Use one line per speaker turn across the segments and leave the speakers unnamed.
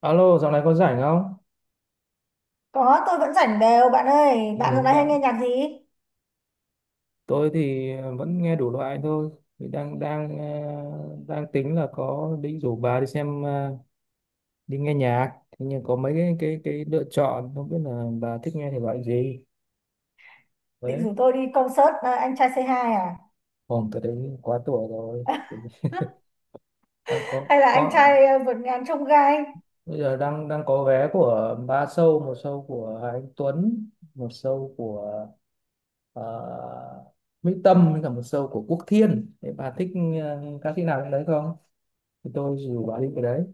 Alo, dạo này có rảnh không?
Có, tôi vẫn rảnh đều bạn ơi.
Ừ,
Bạn hôm nay hay
đang,
nghe nhạc gì?
tôi thì vẫn nghe đủ loại thôi. Thì đang đang ờ, đang tính là có định rủ bà đi xem, đi nghe nhạc. Thế nhưng có mấy cái lựa chọn, không biết là bà thích nghe thể loại gì.
Định
Đấy,
rủ tôi đi concert à, anh trai C2 à?
hôm tới đấy quá tuổi rồi. Đang
Hay là anh
có
trai à, vượt ngàn chông gai?
Bây giờ đang đang có vé của ba show, một show của Hà Anh Tuấn, một show của ờ, Mỹ Tâm, với cả một show của Quốc Thiên. Thế bà thích ca sĩ nào trong đấy không? Thì tôi dù bà đi cái đấy.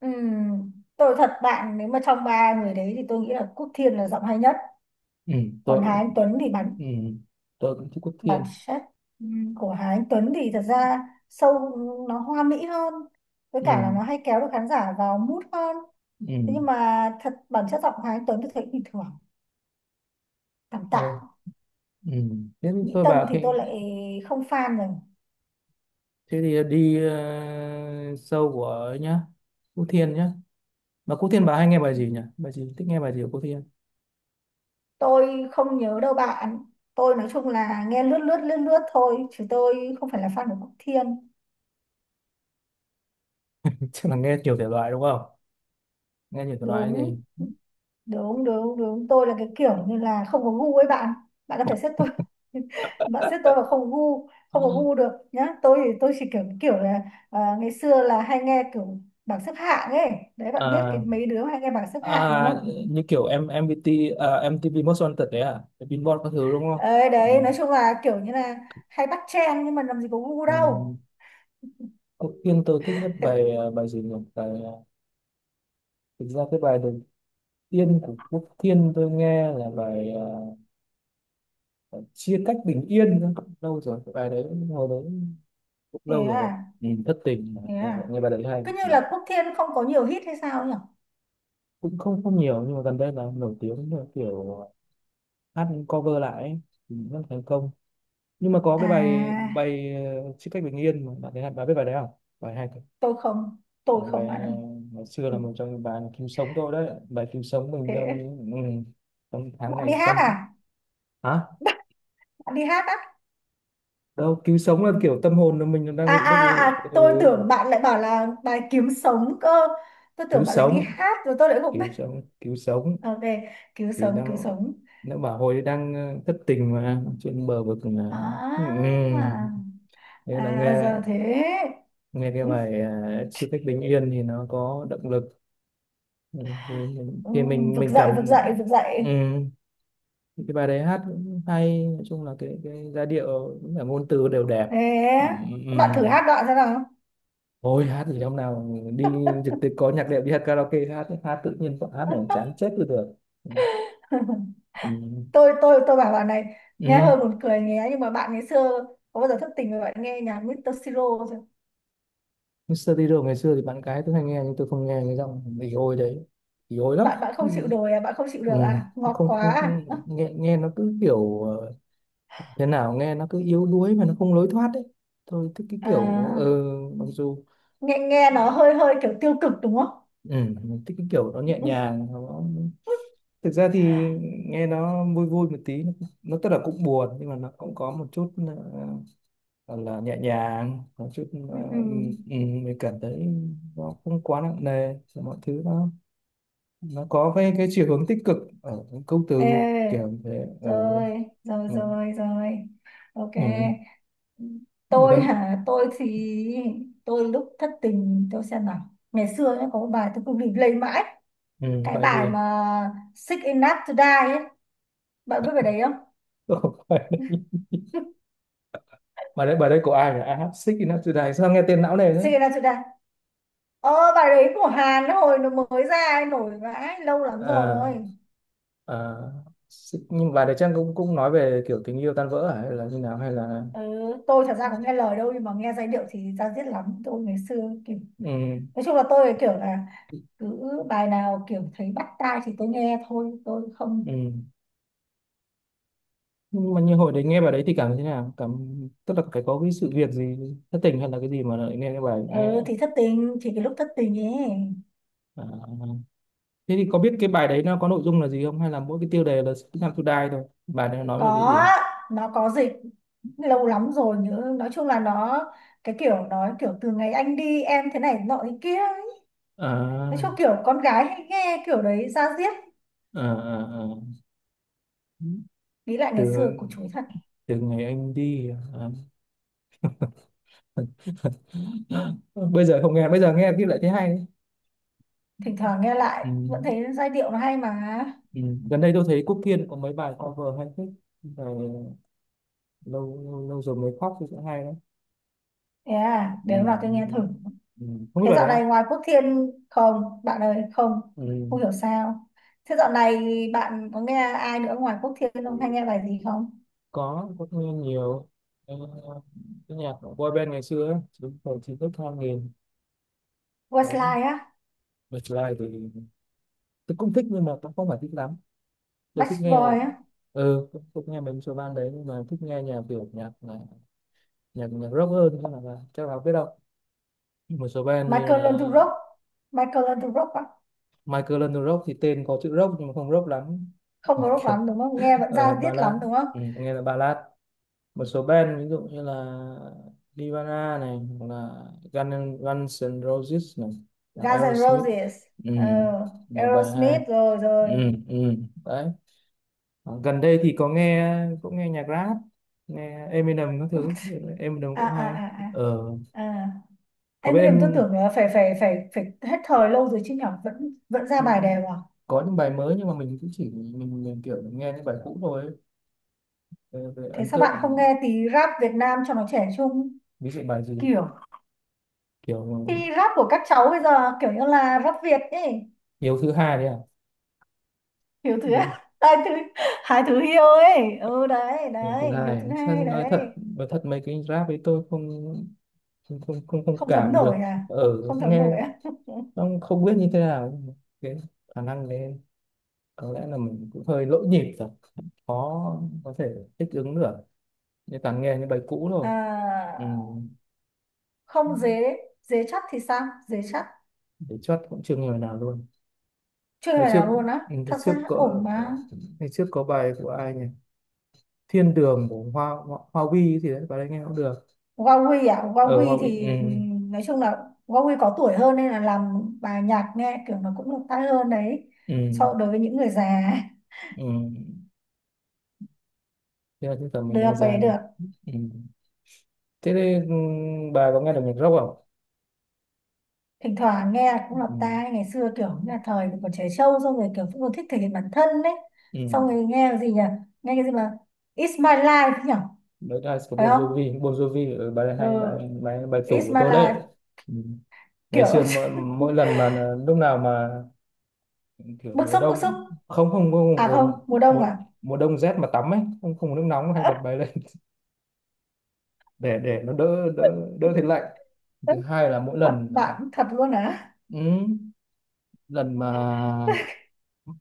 Ừm, tôi thật bạn, nếu mà trong ba người đấy thì tôi nghĩ là Quốc Thiên là giọng hay nhất.
ừ
Còn
tôi
Hà Anh
cũng-
Tuấn thì bản
ừ tôi cũng thích Quốc
bản
Thiên.
chất của Hà Anh Tuấn thì thật ra sâu, nó hoa mỹ hơn. Với cả là
Ừ.
nó hay kéo được khán giả vào mood hơn.
Ừ.
Thế nhưng mà thật bản chất giọng Hà Anh Tuấn tôi thấy bình thường, tạm
Ờ.
tạm.
Ừ. Thế thì
Mỹ
tôi
Tâm
bảo
thì
khi,
tôi lại không fan rồi.
thế thì đi, show của ấy nhá. Quốc Thiên nhá. Mà Quốc Thiên bà hay nghe bài gì nhỉ? Bài gì Thích nghe bài gì của Quốc Thiên?
Tôi không nhớ đâu bạn. Tôi nói chung là nghe lướt lướt lướt lướt thôi, chứ tôi không phải là fan của Quốc Thiên.
Chắc là nghe nhiều thể loại đúng không? Nghe nhiều thể loại cái
Đúng,
gì?
đúng, đúng, đúng, tôi là cái kiểu như là không có gu ấy bạn bạn có thể xếp tôi bạn xếp tôi vào không gu, không có gu được nhá. Tôi thì tôi chỉ kiểu kiểu là à, ngày xưa là hay nghe kiểu bảng xếp hạng ấy. Đấy, bạn biết cái
À,
mấy đứa hay nghe bảng xếp hạng đúng
à,
không?
như kiểu em MVT, à, MTV Most Wanted đấy à? Cái Billboard các thứ đúng không?
Ấy
Ừ.
đấy, nói chung là kiểu như là hay bắt trend nhưng mà làm gì có gu
Ừ.
đâu.
Quốc Thiên tôi thích nhất bài, bài gì nhỉ? Thực ra cái bài The Tiên của Quốc Thiên tôi nghe là bài, bài Chia cách bình yên đó. Lâu rồi cái bài đấy, hồi đấy cũng
Thế
lâu rồi.
à?
Nhìn thất tình
Thế
nghe,
à?
nghe bài đấy hay.
Cứ như
Ừ,
là Quốc Thiên không có nhiều hit hay sao nhỉ?
cũng không không nhiều, nhưng mà gần đây là nổi tiếng là kiểu hát cover lại ấy. Thì rất thành công. Nhưng mà có
À,
cái bài bài ờ, Chia cách bình yên, mà bạn thấy hay- bạn biết bài đấy không? Bài hay thật.
tôi không. Tôi
Bài bài
không
ờ,
bạn ơi.
Ngày xưa
Ừ,
là một trong những bài cứu sống tôi đấy, bài cứu sống mình trong
thế
những, trong tháng
bạn
ngày
đi hát
tâm.
à?
Hả?
Bạn đi hát á?
Đâu, cứu sống là kiểu tâm hồn là mình đang
à,
bị
à,
lúc
à,
ấy,
à, tôi
ừ,
tưởng bạn lại bảo là bài kiếm sống cơ. Tôi
cứu
tưởng bạn lại đi
sống,
hát rồi tôi lại không biết.
cứu sống, cứu sống.
Ok, cứu
Thì
sống, cứu
đang,
sống.
nó bảo hồi đang thất tình mà trên bờ vực là. Ừ. Ừ.
À,
Thế là
à
nghe,
giờ thế.
nghe cái
Ừ,
bài, Chiếc cách bình yên thì nó có động lực. Ừ.
ừ,
Thì mình
vực
mình
dậy,
cảm.
vực dậy, vực
Ừ.
dậy.
Cái bài đấy hát cũng hay, nói chung là cái giai điệu cũng là ngôn từ đều đẹp. Ừ.
Thế
Ừ. Ừ.
bạn thử hát đoạn xem nào.
Ôi hát gì, hôm nào đi trực tiếp có nhạc đệm, đi hát karaoke, hát hát tự nhiên bọn hát này chán chết đi được. Ừ. Ừ.
Tôi bảo bạn này, nghe
Ừ.
hơi buồn cười nhé, nhưng mà bạn ngày xưa có bao giờ thức tỉnh mà bạn nghe nhạc Mr. Siro chưa?
Mr. Tiro ngày xưa thì bạn gái tôi hay nghe, nhưng tôi không nghe, cái giọng bị ôi đấy, bị ôi lắm.
Bạn bạn
Ừ.
không chịu nổi à? Bạn không chịu
Ừ.
được à? Ngọt
Không,
quá
không không-
à?
Nghe, nghe nó cứ kiểu, thế nào, nghe nó cứ yếu đuối mà nó không lối thoát đấy. Tôi thích cái kiểu,
À,
mặc dù,
nghe nghe nó hơi hơi kiểu tiêu cực đúng không?
ừ, mình thích cái kiểu nó nhẹ nhàng nó, thực ra thì nghe nó vui vui một tí, nó tức là cũng buồn nhưng mà nó cũng có một chút, gọi là nhẹ nhàng một chút.
Ừ.
ờ,
Ừ.
ừ, mình cảm thấy nó không quá nặng nề, mọi thứ nó có cái chiều hướng tích cực ở những câu từ kiểu
Ê,
như thế ở.
rồi rồi
Ừ.
rồi rồi. Ok.
Ừ. bài
Tôi
tân-
hả? Tôi thì tôi lúc thất tình tôi xem nào, ngày xưa nhá, có một bài tôi cứ bìm lây mãi,
ừ,
cái
bài gì?
bài mà Sick Enough to Die ấy, bạn biết bài đấy không?
Bài đấy, bài đấy của ai nhỉ? I have six enough today, sao nghe tên não nề thế?
Suy ra, suy ra. Ờ, bài đấy của Hàn ấy, hồi nó mới ra ấy, nổi vãi, lâu lắm
Ờ.
rồi.
Ờ, nhưng mà đấy Trang cũng cũng nói về kiểu tình yêu tan vỡ à? Hay là như nào, hay là,
Ừ, tôi thật ra cũng nghe lời đâu, nhưng mà nghe giai điệu thì ra diết lắm. Tôi ngày xưa kiểu,
ừ,
nói chung là tôi kiểu là cứ bài nào kiểu thấy bắt tai thì tôi nghe thôi, tôi không.
ừ, nhưng mà như hồi đấy nghe bài đấy thì cảm thấy thế nào, cảm tức là phải có cái sự việc gì, thất tình hay là cái gì mà lại nghe cái bài nghe.
Ừ thì thất tình, chỉ cái lúc thất tình ấy.
À. Thế thì có biết cái bài đấy nó có nội dung là gì không, hay là mỗi cái tiêu đề là Six Time to Die thôi, bài đấy nó nói về cái
Có,
gì?
nó có dịch, lâu lắm rồi nhớ, nói chung là nó cái kiểu nói kiểu từ ngày anh đi em thế này nọ thế kia ấy. Nói chung
À,
kiểu con gái hay nghe kiểu đấy, ra diết.
à, à, à.
Nghĩ lại ngày
Từ
xưa của chuối thật.
Từ ngày anh đi à. Bây giờ không nghe, bây giờ nghe thì lại thấy hay đấy.
Thỉnh thoảng nghe lại
Ừ.
vẫn thấy giai điệu nó hay mà.
Ừ. Gần đây tôi thấy Quốc Kiên có mấy bài cover hay thích. Bài lâu, Lâu lâu rồi mới khóc thì cũng hay đấy.
Thế à, để
Ừ.
hôm nào tôi nghe thử.
Ừ. Không biết
Thế
bài
dạo
đấy à?
này ngoài Quốc Thiên không bạn ơi? Không,
Ừ.
không hiểu sao. Thế dạo này bạn có nghe ai nữa ngoài Quốc Thiên không, hay nghe bài gì không?
Có nghe nhiều. Ờ, cái nhạc của boy band ngày xưa ấy, chúng tôi chỉ thích hai nghìn đó.
Westlife á?
Bật lại thì tôi cũng thích nhưng mà cũng không phải thích lắm. Tôi thích
Backstreet
nghe,
Boys á?
ừ tôi cũng nghe mấy số band đấy, nhưng mà thích nghe nhạc kiểu nhạc rock hơn, chắc là biết đâu một số band như
Michael Learns to
là
Rock. Michael Learns to Rock á?
Michael London Rock, thì tên có chữ rock nhưng mà không rock lắm.
Không có rock
Kiểu
lắm đúng không, nghe vẫn ra
ở
diết
ballad,
lắm đúng không?
ừ, nghe là ballad. Một số band ví dụ như là Nirvana này, hoặc là Guns N' Roses này, hoặc
Guns N'
Aerosmith.
Roses.
Ừ,
Ờ,
nhiều bài hay.
Aerosmith, rồi rồi.
Ừ, ừ, đấy. Ờ, gần đây thì có nghe, cũng nghe nhạc rap, nghe Eminem các thứ, Eminem
À,
cũng
à,
hay.
à, à.
Ờ,
À,
có
Em
biết
mới làm tôi
em,
tưởng là phải phải phải phải hết thời lâu rồi chứ nhở, vẫn vẫn ra bài đều à?
có những bài mới nhưng mà mình cũng chỉ mình kiểu nghe những bài cũ thôi ấy. Về
Thế
ấn
sao bạn không
tượng.
nghe tí rap Việt Nam cho nó trẻ trung?
Ví dụ bài gì?
Kiểu,
Kiểu
thì rap của các cháu bây giờ kiểu như là rap Việt ấy.
Hiếu thứ hai đấy
Hiếu thứ
à.
hai, thứ hai, thứ hiêu ấy. Ừ, đấy
Lần thứ
đấy, Hiếu thứ
hai, sao
hai
nói thật,
đấy.
mấy cái rap ấy tôi không, không
Không thấm
cảm
nổi
được
à? Không,
ở
không thấm
nghe,
nổi à?
không không biết như thế nào, cái khả năng đấy. Có lẽ là mình cũng hơi lỗi nhịp rồi, khó có thể thích ứng được, như toàn nghe những bài cũ rồi. Ừ.
À không. Dế dế chắc thì sao? Dế chắc.
Để chót cũng chưa nghe bài nào luôn.
Chưa
Ngày
bài
trước,
nào
ừ,
luôn á?
ngày
Thật ra
trước có,
ổn mà.
ngày trước có bài của ai nhỉ. Thiên Đường của Hoa Hoa, Hoa Vi thì đấy, bài đấy nghe cũng được
Huawei à?
ở Hoa
Huawei
Vi.
thì
Ừ.
nói chung là Huawei có tuổi hơn nên là làm bài nhạc nghe kiểu nó cũng được tai hơn đấy,
Ừ.
so đối với những người già.
Ừ. Thế là cái tầm mình
Được
đang ra
đấy,
rồi.
được.
Ừ. Thế thì, ừ, bà có nghe được nhạc rock không?
Thỉnh thoảng nghe cũng lọt
Ừ.
tai, ngày xưa kiểu như là thời còn trẻ trâu xong rồi kiểu cũng còn thích thể hiện bản thân đấy.
Ừ.
Xong rồi nghe cái gì nhỉ, nghe cái gì mà It's my life nhỉ?
Đấy là của
Phải
Bon
không?
Jovi, Bon Jovi ở bài
Ừ,
hay, bài bài bài tủ
It's
của
my
tôi
life.
đấy. Ừ. Ngày
Kiểu
xưa mỗi lần mà, lúc nào mà kiểu
bức
mùa
xúc, bức xúc.
đông, không không mùa
À không,
mùa
mùa đông
mùa,
à?
mùa đông rét mà tắm ấy, không không có nước nóng hay bật bài lên để nó đỡ đỡ đỡ thấy lạnh. Thứ hai là mỗi
Thật
lần,
bạn, thật luôn à?
ừ, lần mà,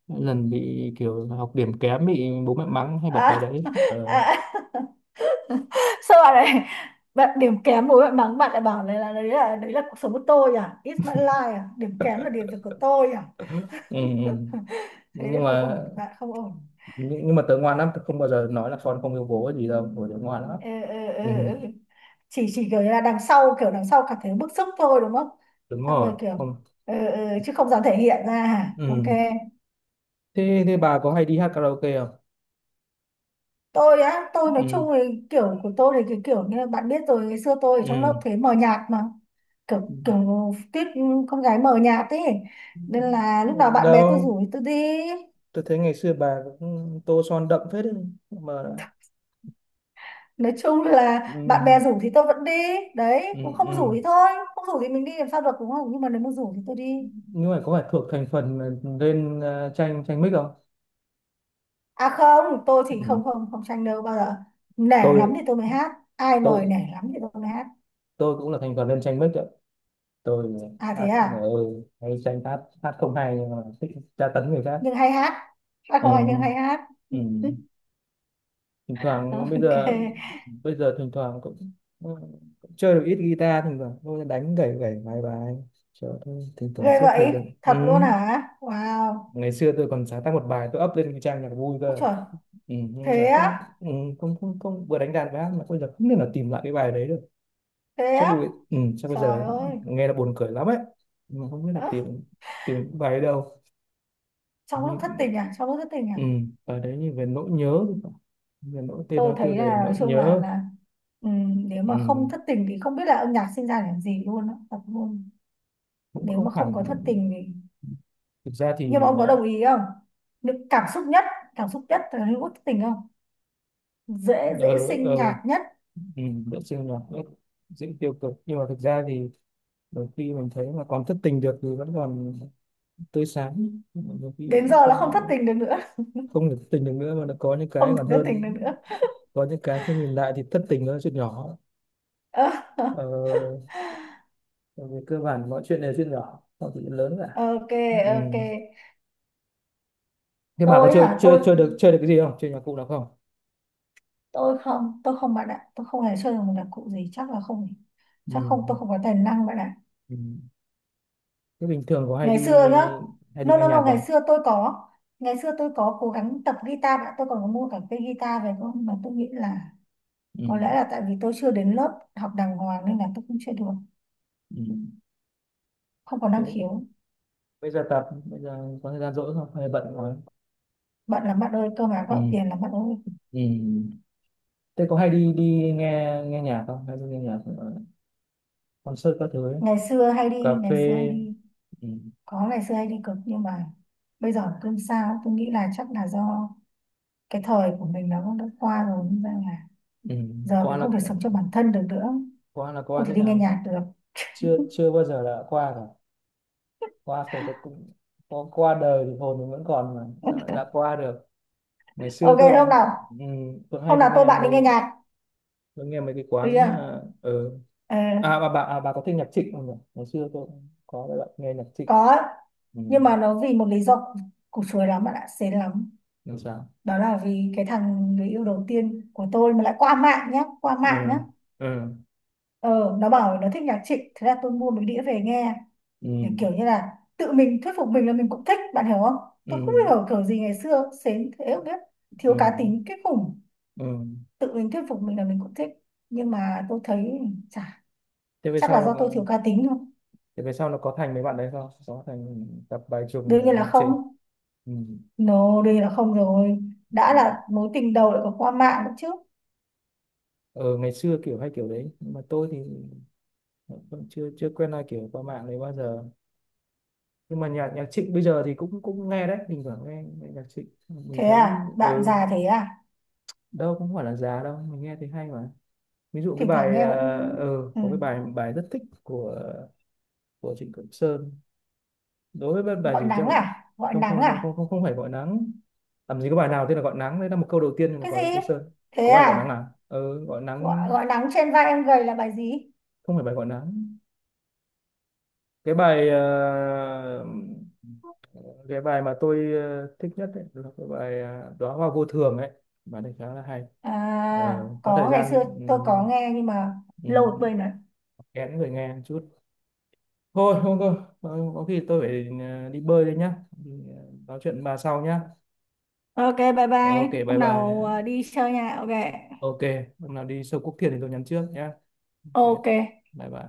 mỗi lần bị kiểu học điểm kém bị bố mẹ mắng hay bật bài
À.
đấy. Ờ,
À. Sao bạn này, bạn điểm kém bố bạn mắng, bạn lại bảo này là đấy là cuộc sống của tôi à, it's my life à, điểm kém là điểm của tôi à?
ừ, ừ.
Thế thì
nhưng
không
mà
ổn bạn, không ổn.
nhưng mà tớ ngoan lắm, tớ không bao giờ nói là con không yêu bố hay gì đâu, bởi tớ ngoan lắm.
Ừ, ừ, ừ,
Ừ,
ừ. Chỉ kiểu như là đằng sau, kiểu đằng sau cảm thấy bức xúc thôi đúng không?
đúng
Xong
rồi,
rồi kiểu,
không.
ừ, ừ, chứ không dám thể hiện ra hả?
Ừ.
Ok.
Thế thế bà có hay đi hát karaoke không?
Tôi á? Tôi nói
Ừ,
chung thì kiểu của tôi thì cái kiểu như là bạn biết rồi, ngày xưa tôi ở trong
ừ.
lớp thế mờ nhạt mà,
Ừ.
kiểu kiểu tiếp con gái mờ nhạt ấy, nên là lúc nào bạn bè tôi
Đâu,
rủ thì tôi đi.
tớ thấy ngày xưa bà cũng tô son đậm phết đấy mà.
Nói chung là
Ừ,
bạn bè rủ thì tôi vẫn đi.
ừ,
Đấy cũng, không rủ
ừ.
thì thôi, không rủ thì mình đi làm sao được đúng không, nhưng mà nếu mà rủ thì tôi đi.
Nhưng mà có phải thuộc thành phần lên tranh tranh mic không?
À không, tôi thì không,
Ừ.
không, không tranh đâu bao giờ. Nể lắm
tôi
thì tôi mới hát, ai mời
tôi
nể lắm thì tôi mới hát.
tôi cũng là thành phần lên tranh mic. Tôi
À thế
hát
à.
hát ơi hay, tranh hát hát không hay nhưng mà thích tra tấn người khác.
Nhưng hay hát, hát không hay nhưng
Ừ,
hay hát.
ừ. Thỉnh thoảng bây giờ,
Ok.
bây giờ thỉnh thoảng cũng, ừ, cũng chơi được ít guitar, thỉnh thoảng tôi đánh gảy gảy vài bài cho tôi thỉnh thoảng
Ghê
giết thời
vậy,
gian. Ừ.
thật luôn hả, wow.
Ngày xưa tôi còn sáng tác một bài, tôi up lên cái trang nhạc vui cơ.
Ôi
Ừ.
trời.
Nhưng bây
Thế
giờ không,
á?
ừ, không không không vừa đánh đàn vừa hát, mà bây giờ không thể nào tìm lại cái bài đấy được.
Thế
Chắc
á?
bây, ừ, chắc bây giờ
Trời ơi.
nghe là buồn cười lắm ấy. Nhưng mà không biết là tìm, tìm cái bài ở đâu.
Trong lúc thất tình à? Trong lúc thất tình à?
Ừ, bài đấy như về nỗi nhớ thì phải. Về nỗi, tên
Tôi
nó tiêu
thấy
đề
là nói
nỗi
chung là
nhớ.
là nếu
Ừ,
mà không thất tình thì không biết là âm nhạc sinh ra để làm gì luôn á, thật luôn.
cũng
Nếu mà
không
không
hẳn.
có thất tình thì,
Thực ra thì,
nhưng mà ông có đồng ý không, những cảm xúc nhất, cảm xúc nhất là lúc thất tình, không dễ, dễ
ờ,
sinh
ờ,
nhạc nhất.
vệ sinh là rất dễ tiêu cực, nhưng mà thực ra thì đôi khi mình thấy mà còn thất tình được thì vẫn còn tươi sáng. Nhưng mà đôi khi
Đến
cũng
giờ là không thất
không,
tình được nữa.
không được thất tình được nữa, mà nó có những cái
Không thể
còn
thất tình
hơn.
được nữa.
Có những cái khi nhìn lại thì thất tình nó là chuyện nhỏ.
Ờ,
Ờ, bởi vì cơ bản mọi chuyện đều chuyện nhỏ, không có chuyện lớn cả.
ok.
Ừ.
Ok.
Thế bà có
Tôi
chơi
hả?
chơi
tôi
chơi được, chơi được cái gì không, chơi nhạc cụ nào không?
tôi không. Tôi không bạn ạ, tôi không hề chơi được một nhạc cụ gì. Chắc là không,
Ừ.
chắc không, tôi không có tài năng bạn ạ.
Ừ. Thế bình thường có hay
Ngày
đi,
xưa nhá,
hay đi
no
nghe
no no,
nhạc
ngày
không?
xưa tôi có. Ngày xưa tôi có cố gắng tập guitar đã, tôi còn có mua cả cây guitar về không mà, tôi nghĩ là
Ừ.
có lẽ là tại vì tôi chưa đến lớp học đàng hoàng nên là tôi cũng chưa được,
Ừ.
không có năng
Thế
khiếu.
bây giờ tập, bây giờ có thời gian rỗi không? Hay bận quá?
Bận lắm bạn ơi, cơ mà
Ừ.
gạo tiền lắm bạn ơi.
Ừ. Thế có hay đi đi nghe, nghe nhạc không? Hay đi nghe nhạc ở concert các thứ ấy?
Ngày xưa hay
Cà
đi, ngày xưa hay
phê.
đi.
Ừ.
Có, ngày xưa hay đi cực, nhưng mà bây giờ cơm sao, tôi nghĩ là chắc là do cái thời của mình nó cũng đã qua rồi nên ra là
Ừ.
giờ
Qua
mình
là,
không thể sống cho bản thân được nữa,
qua là
không
qua
thể
thế
đi nghe
nào?
nhạc được.
Chưa, chưa bao giờ là qua cả. Qua phải có cũng có qua đời thì hồn mình vẫn còn, mà sao lại đã qua được. Ngày xưa
Ok,
tôi
hôm
cũng,
nào,
ừ, tôi hay
hôm
đi
nào tôi
nghe
bạn đi nghe
mấy,
nhạc.
tôi nghe mấy cái
Bây
quán,
giờ
à, ở.
à,
À, bà à, bà có thích nhạc Trịnh không nhỉ, ngày xưa tôi cũng có bạn nghe nhạc Trịnh.
có,
Ừ.
nhưng mà nó vì một lý do củ chuối lắm bạn ạ, xến lắm.
Làm sao?
Đó là vì cái thằng người yêu đầu tiên của tôi mà lại qua mạng nhá, qua mạng nhá.
Ừ. Ừ.
Ờ, nó bảo nó thích nhạc Trịnh, thế là tôi mua mấy đĩa về nghe,
Ừ.
để kiểu như là tự mình thuyết phục mình là mình cũng thích, bạn hiểu không? Tôi
Ừ.
không hiểu kiểu gì ngày xưa xến thế không biết,
Ừ.
thiếu cá tính kinh khủng,
Ừ.
tự mình thuyết phục mình là mình cũng thích. Nhưng mà tôi thấy chả,
Thế về
chắc
sau
là
là,
do tôi thiếu cá tính thôi.
thế về sau nó có thành mấy bạn đấy không, có thành tập bài trùng
Đương
này
nhiên là
nhạc
không.
Trịnh. Ừ.
No, đây là không rồi. Đã
Ừ.
là mối tình đầu lại còn qua mạng nữa chứ.
Ờ ngày xưa kiểu hay kiểu đấy nhưng mà tôi thì vẫn chưa chưa quen ai kiểu qua mạng này bao giờ. Nhưng mà nhạc nhạc Trịnh bây giờ thì cũng cũng nghe đấy, thỉnh thoảng nghe, nghe nhạc Trịnh mình
Thế
thấy,
à? Bạn
ừ.
già thế à?
Đâu cũng không phải là già đâu, mình nghe thấy hay mà. Ví dụ cái
Thỉnh thoảng
bài,
nghe vẫn... Ừ.
có cái bài bài rất thích của Trịnh Công Sơn. Đối với bài
Gọi
gì chứ,
nắng
không,
à? Gọi nắng à?
không phải gọi nắng. Làm gì có bài nào tên là gọi nắng, đấy là một câu đầu tiên
Cái
của Trịnh
gì?
Công Sơn.
Thế
Có bài gọi nắng
à?
à, ừ, gọi
Gọi,
nắng.
gọi nắng trên vai em gầy là bài gì?
Không phải bài gọi nắng. Cái bài, cái bài mà tôi, thích nhất ấy, là cái bài, đóa hoa vô thường ấy. Bài này khá là hay.
À,
Ờ, có thời
có, ngày
gian,
xưa
ừ,
tôi có nghe nhưng mà
ừ,
lâu rồi quên rồi.
kén người nghe một chút. Thôi không thôi, ờ, có khi tôi phải, đi bơi đây nhá. Thì, ờ, Nói chuyện với bà sau nhá.
Ok, bye
Ờ, Ok,
bye.
bye
Hôm nào
bye.
đi chơi nha. Ok.
Ok, hôm nào đi sâu Quốc Thiền thì tôi nhắn trước nhá. Ok,
Ok.
bye bye.